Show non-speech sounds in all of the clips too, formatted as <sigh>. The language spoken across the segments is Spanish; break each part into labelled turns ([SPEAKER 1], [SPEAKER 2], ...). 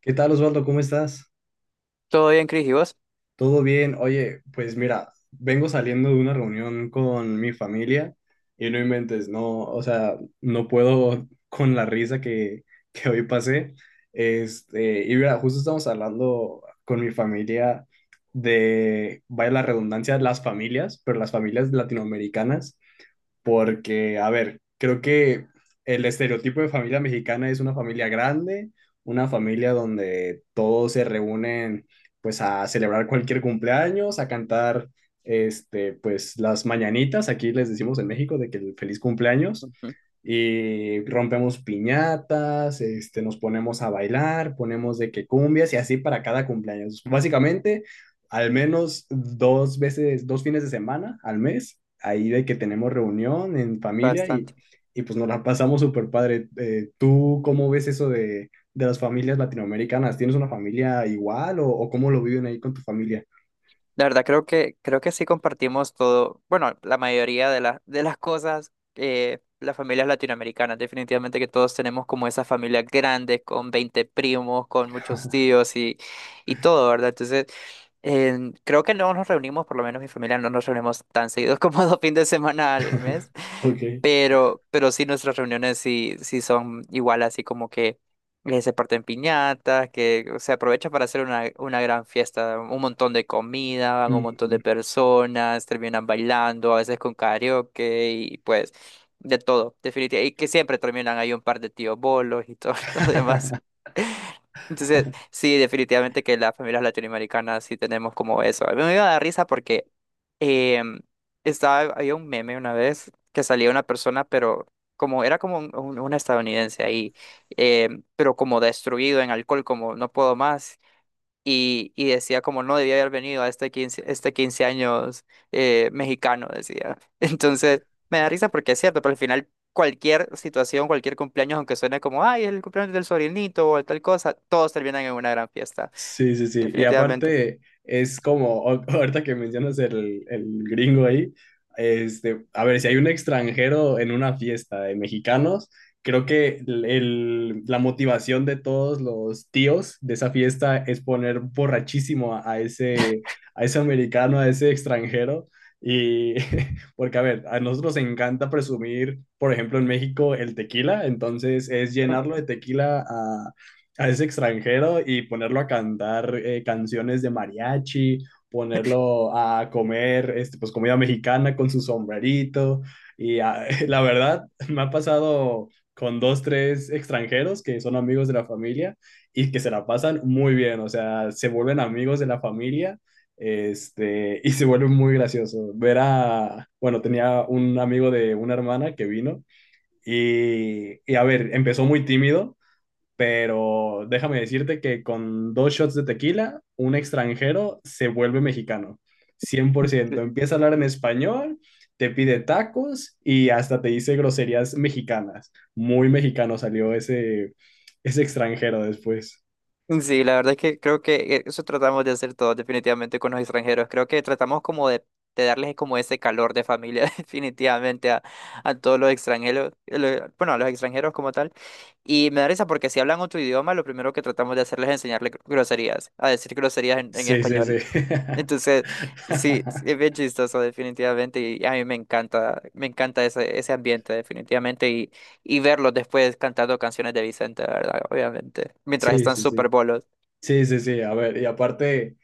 [SPEAKER 1] ¿Qué tal, Osvaldo? ¿Cómo estás?
[SPEAKER 2] Todo bien, Cris, ¿y vos?
[SPEAKER 1] ¿Todo bien? Oye, pues mira, vengo saliendo de una reunión con mi familia y no inventes, no, o sea, no puedo <laughs> con la risa que hoy pasé. Y mira, justo estamos hablando con mi familia de, vaya la redundancia, las familias, pero las familias latinoamericanas porque, a ver, creo que el estereotipo de familia mexicana es una familia grande, una familia donde todos se reúnen pues a celebrar cualquier cumpleaños, a cantar pues las mañanitas, aquí les decimos en México de que el feliz cumpleaños
[SPEAKER 2] Ujú.
[SPEAKER 1] y rompemos piñatas, nos ponemos a bailar, ponemos de que cumbias y así para cada cumpleaños. Básicamente, al menos dos veces, 2 fines de semana al mes ahí de que tenemos reunión en familia y,
[SPEAKER 2] Bastante.
[SPEAKER 1] y pues nos la pasamos súper padre. ¿Tú cómo ves eso de las familias latinoamericanas? ¿Tienes una familia igual o cómo lo viven ahí con tu familia?
[SPEAKER 2] La verdad, creo que sí compartimos todo, bueno, la mayoría de las cosas, las familias latinoamericanas, definitivamente que todos tenemos como esas familias grandes, con 20 primos, con muchos tíos y todo, ¿verdad? Entonces, creo que no nos reunimos, por lo menos mi familia no nos reunimos tan seguidos como <laughs> 2 fines de semana al mes.
[SPEAKER 1] <laughs> Ok.
[SPEAKER 2] Pero sí, nuestras reuniones sí, sí son igual, así como que se parten piñatas, que se aprovecha para hacer una gran fiesta, un montón de comida, van un montón
[SPEAKER 1] Mm.
[SPEAKER 2] de personas, terminan bailando, a veces con karaoke y pues de todo, definitivamente. Y que siempre terminan ahí un par de tíos bolos y todo <laughs> lo demás.
[SPEAKER 1] <laughs>
[SPEAKER 2] Entonces, sí, definitivamente que las familias latinoamericanas sí tenemos como eso. A mí me iba a dar risa porque em, estaba, había un meme una vez que salía una persona, pero como era como un estadounidense ahí, pero como destruido en alcohol, como no puedo más, y decía como no debía haber venido a este 15 años mexicano, decía. <laughs> Entonces, me da risa porque es cierto, pero al final cualquier situación, cualquier cumpleaños, aunque suene como, ay, el cumpleaños del sobrinito o tal cosa, todos terminan en una gran fiesta,
[SPEAKER 1] Sí, sí, sí. Y
[SPEAKER 2] definitivamente.
[SPEAKER 1] aparte es como, <laughs> ahorita que mencionas el- gringo ahí, a ver, si hay un extranjero en una fiesta de mexicanos, creo que el, la motivación de todos los tíos de esa fiesta es poner borrachísimo a ese americano, a ese extranjero. Y <laughs> porque, a ver, a nosotros nos encanta presumir, por ejemplo, en México el tequila, entonces es llenarlo
[SPEAKER 2] <laughs>
[SPEAKER 1] de tequila a ese extranjero y ponerlo a cantar canciones de mariachi, ponerlo a comer pues, comida mexicana con su sombrerito. Y <laughs> la verdad, me ha pasado con dos, tres extranjeros que son amigos de la familia y que se la pasan muy bien, o sea, se vuelven amigos de la familia. Y se vuelve muy gracioso. Ver bueno, tenía un amigo de una hermana que vino y a ver, empezó muy tímido, pero déjame decirte que con dos shots de tequila, un extranjero se vuelve mexicano, 100%. Empieza a hablar en español, te pide tacos y hasta te dice groserías mexicanas. Muy mexicano salió ese, ese extranjero después.
[SPEAKER 2] Sí, la verdad es que creo que eso tratamos de hacer todos definitivamente con los extranjeros. Creo que tratamos como de, darles como ese calor de familia <laughs> definitivamente a todos los extranjeros, bueno, a los extranjeros como tal. Y me da risa porque si hablan otro idioma, lo primero que tratamos de hacerles es enseñarles groserías, a decir groserías en,
[SPEAKER 1] Sí, sí, sí.
[SPEAKER 2] español. Entonces, sí, sí,
[SPEAKER 1] <laughs>
[SPEAKER 2] es bien chistoso definitivamente y a mí me encanta ese, ambiente definitivamente y verlos después cantando canciones de Vicente, ¿verdad? Obviamente, mientras
[SPEAKER 1] Sí,
[SPEAKER 2] están
[SPEAKER 1] sí, sí.
[SPEAKER 2] súper bolos.
[SPEAKER 1] Sí, sí, sí, a ver, y aparte,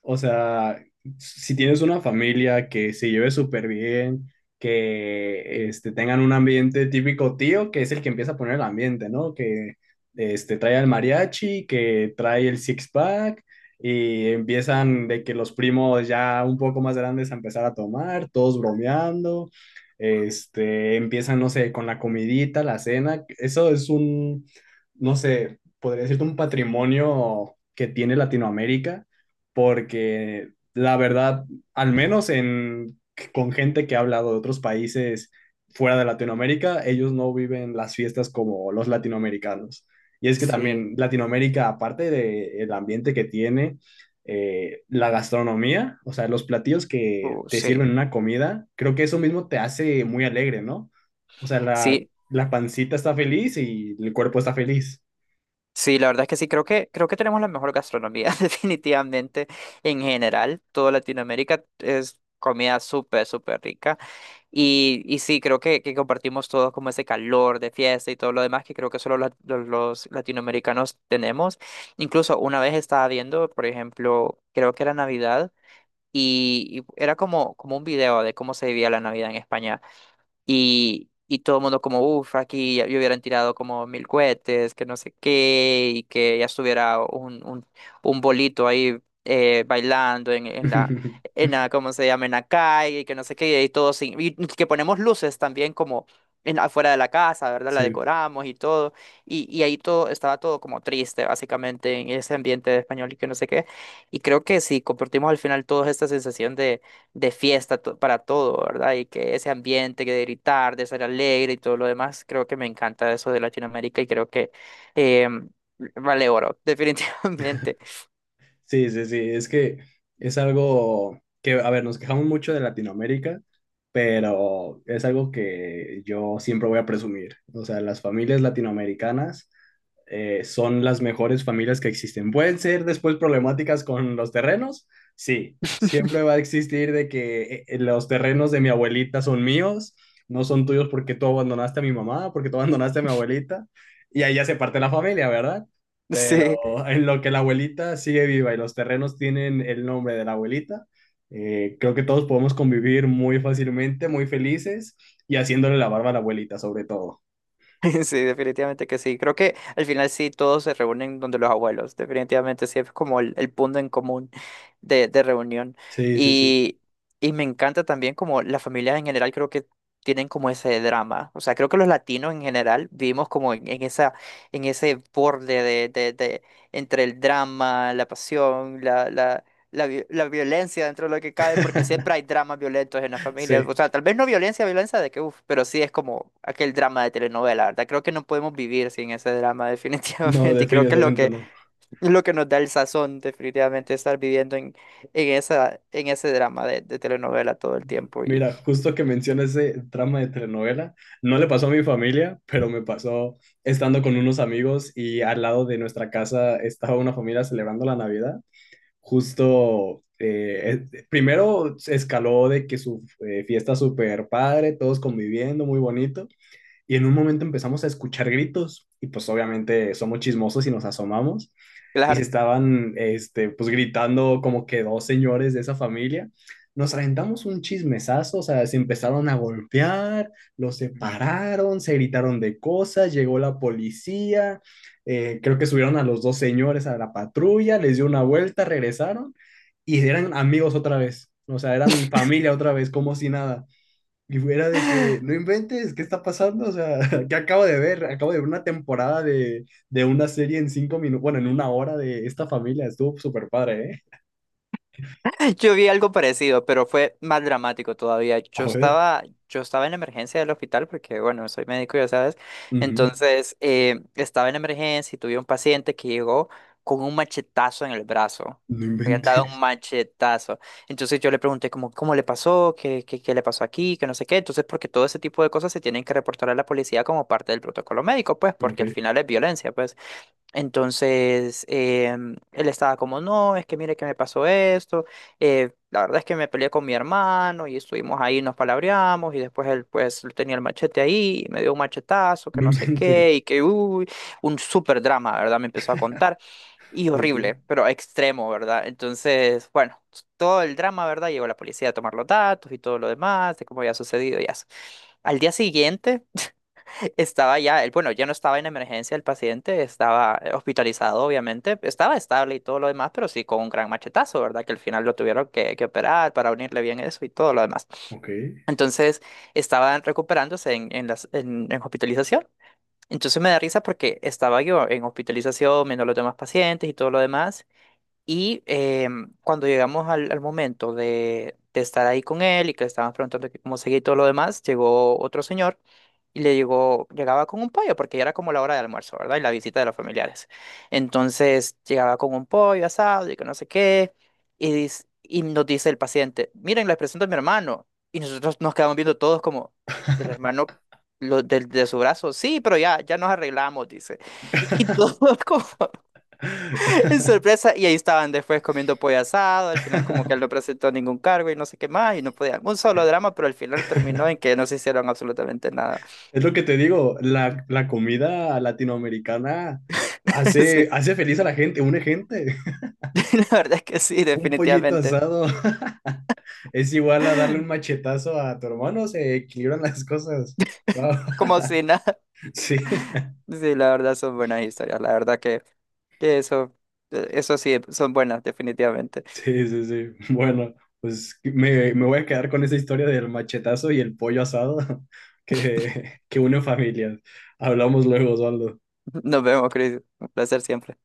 [SPEAKER 1] o sea, si tienes una familia que se lleve súper bien, que tengan un ambiente típico tío, que es el que empieza a poner el ambiente, ¿no? Que trae el mariachi, que trae el six-pack, y empiezan de que los primos ya un poco más grandes a empezar a tomar, todos bromeando, empiezan, no sé, con la comidita, la cena, eso es un, no sé podría decirte, un patrimonio que tiene Latinoamérica, porque la verdad, al menos con gente que ha hablado de otros países fuera de Latinoamérica, ellos no viven las fiestas como los latinoamericanos. Y es que
[SPEAKER 2] Sí,
[SPEAKER 1] también Latinoamérica, aparte del ambiente que tiene, la gastronomía, o sea, los platillos que te
[SPEAKER 2] sí,
[SPEAKER 1] sirven una comida, creo que eso mismo te hace muy alegre, ¿no? O sea, la,
[SPEAKER 2] sí,
[SPEAKER 1] la pancita está feliz y el cuerpo está feliz.
[SPEAKER 2] sí, la verdad es que sí, creo que, tenemos la mejor gastronomía, <laughs> definitivamente, en general, toda Latinoamérica es comida súper, súper rica, y, sí, creo que compartimos todos como ese calor de fiesta y todo lo demás que creo que solo los latinoamericanos tenemos, incluso una vez estaba viendo, por ejemplo, creo que era Navidad, y era como, como un video de cómo se vivía la Navidad en España. Y, todo el mundo como, uff, aquí ya, ya hubieran tirado como 1000 cohetes, que no sé qué, y que ya estuviera un bolito ahí bailando en, en la,
[SPEAKER 1] <laughs>
[SPEAKER 2] en la, ¿cómo se llama? En la calle, y que no sé qué, y todo sin, y que ponemos luces también como afuera de la casa, ¿verdad? La
[SPEAKER 1] Sí,
[SPEAKER 2] decoramos y todo, y ahí todo, estaba todo como triste, básicamente, en ese ambiente de español y que no sé qué, y creo que si compartimos al final toda esta sensación de fiesta para todo, ¿verdad? Y que ese ambiente que de gritar, de ser alegre y todo lo demás, creo que me encanta eso de Latinoamérica y creo que eh, vale oro, <laughs> definitivamente.
[SPEAKER 1] sí, sí, sí, es que es algo que, a ver, nos quejamos mucho de Latinoamérica, pero es algo que yo siempre voy a presumir. O sea, las familias latinoamericanas son las mejores familias que existen. ¿Pueden ser después problemáticas con los terrenos? Sí, siempre va a
[SPEAKER 2] <laughs>
[SPEAKER 1] existir de que los terrenos de mi abuelita son míos, no son tuyos porque tú abandonaste a mi mamá, porque tú abandonaste a mi abuelita, y ahí ya se parte la familia, ¿verdad? Pero
[SPEAKER 2] Sí.
[SPEAKER 1] en lo que la abuelita sigue viva y los terrenos tienen el nombre de la abuelita, creo que todos podemos convivir muy fácilmente, muy felices y haciéndole la barba a la abuelita sobre todo.
[SPEAKER 2] <laughs> Sí, definitivamente que sí. Creo que al final sí todos se reúnen donde los abuelos. Definitivamente sí es como el punto en común de, reunión.
[SPEAKER 1] Sí, sí, sí.
[SPEAKER 2] Y, y me encanta también como las familias en general creo que tienen como ese drama. O sea, creo que los latinos en general vivimos como en ese borde de entre el drama, la pasión, la violencia dentro de lo que cabe, porque siempre hay
[SPEAKER 1] <laughs>
[SPEAKER 2] dramas violentos en la familia. O
[SPEAKER 1] Sí.
[SPEAKER 2] sea, tal vez no violencia, violencia de que, uff, pero sí es como aquel drama de telenovela, ¿verdad? Creo que no podemos vivir sin ese drama, <laughs>
[SPEAKER 1] No,
[SPEAKER 2] definitivamente. Y creo que es lo
[SPEAKER 1] definitivamente
[SPEAKER 2] que,
[SPEAKER 1] no.
[SPEAKER 2] es lo que nos da el sazón, definitivamente, estar viviendo en, en ese drama de telenovela todo el tiempo. Y
[SPEAKER 1] Mira, justo que mencionas ese trama de telenovela, no le pasó a mi familia, pero me pasó estando con unos amigos y al lado de nuestra casa estaba una familia celebrando la Navidad. Justo, primero se escaló de que su fiesta super padre, todos conviviendo, muy bonito. Y en un momento empezamos a escuchar gritos y pues obviamente somos chismosos y nos asomamos y se
[SPEAKER 2] claro.
[SPEAKER 1] estaban pues gritando como que dos señores de esa familia. Nos aventamos un chismesazo, o sea, se empezaron a golpear, los separaron, se gritaron de cosas, llegó la policía, creo que subieron a los dos señores a la patrulla, les dio una vuelta, regresaron y eran amigos otra vez, o sea, eran familia otra vez, como si nada. Y fuera de que, no inventes, ¿qué está pasando? O sea, <laughs> ¿qué acabo de ver? Acabo de ver una temporada de una serie en 5 minutos, bueno, en una hora de esta familia. Estuvo súper padre, ¿eh?
[SPEAKER 2] <laughs> Yo vi algo parecido, pero fue más dramático todavía. Yo
[SPEAKER 1] A ver.
[SPEAKER 2] estaba, yo estaba en la emergencia del hospital porque, bueno, soy médico, ya sabes.
[SPEAKER 1] Ujú.
[SPEAKER 2] Entonces, estaba en la emergencia y tuve un paciente que llegó con un machetazo en el brazo.
[SPEAKER 1] No
[SPEAKER 2] Le habían dado un
[SPEAKER 1] inventes. <laughs>
[SPEAKER 2] machetazo. Entonces yo le pregunté como, ¿cómo le pasó? ¿Qué le pasó aquí? Que no sé qué. Entonces, porque todo ese tipo de cosas se tienen que reportar a la policía como parte del protocolo médico, pues, porque al
[SPEAKER 1] Ok.
[SPEAKER 2] final es violencia, pues. Entonces, él estaba como, no, es que mire que me pasó esto, la verdad es que me peleé con mi hermano y estuvimos ahí, nos palabreamos y después él pues él tenía el machete ahí y me dio un machetazo, que
[SPEAKER 1] No
[SPEAKER 2] no sé qué
[SPEAKER 1] inventes.
[SPEAKER 2] y que, uy, un súper drama, ¿verdad? Me empezó a contar y
[SPEAKER 1] Ok.
[SPEAKER 2] horrible, pero extremo, ¿verdad? Entonces, bueno, todo el drama, ¿verdad? Llegó la policía a tomar los datos y todo lo demás de cómo había sucedido y así. Al día siguiente estaba ya, él, bueno, ya no estaba en emergencia el paciente, estaba hospitalizado, obviamente, estaba estable y todo lo demás, pero sí con un gran machetazo, ¿verdad? Que al final lo tuvieron que, operar para unirle bien eso y todo lo demás.
[SPEAKER 1] Ok.
[SPEAKER 2] Entonces, estaban recuperándose en hospitalización. Entonces me da risa porque estaba yo en hospitalización, viendo a los demás pacientes y todo lo demás, y cuando llegamos al, momento de estar ahí con él y que le estaban preguntando que cómo seguía y todo lo demás, llegó otro señor y le llegó, llegaba con un pollo, porque ya era como la hora de almuerzo, ¿verdad? Y la visita de los familiares. Entonces llegaba con un pollo asado y que no sé qué, y, y nos dice el paciente, miren, les presento a mi hermano. Y nosotros nos quedamos viendo todos como, el hermano lo, de, su brazo, sí, pero ya, ya nos arreglamos, dice. Y todos <laughs> como en
[SPEAKER 1] <laughs>
[SPEAKER 2] sorpresa, y ahí estaban después comiendo pollo asado, al final como que él no presentó ningún cargo y no sé qué más, y no podían, un solo drama, pero al final terminó en que no se hicieron absolutamente nada.
[SPEAKER 1] Es lo que te digo, la comida latinoamericana
[SPEAKER 2] <laughs>
[SPEAKER 1] hace,
[SPEAKER 2] Sí,
[SPEAKER 1] hace feliz a la gente, une gente.
[SPEAKER 2] <laughs> la verdad es que sí,
[SPEAKER 1] Un pollito
[SPEAKER 2] definitivamente,
[SPEAKER 1] asado <laughs> es igual a darle un machetazo a tu hermano, se equilibran las cosas. Wow. <laughs>
[SPEAKER 2] como si nada.
[SPEAKER 1] Sí,
[SPEAKER 2] Sí, la verdad son buenas historias, la verdad que, que eso sí, son buenas, definitivamente.
[SPEAKER 1] sí, sí, sí. Bueno, pues me voy a quedar con esa historia del machetazo y el pollo asado <laughs> que une familias. Hablamos luego, Osvaldo.
[SPEAKER 2] <laughs> Nos vemos, Chris, un placer siempre.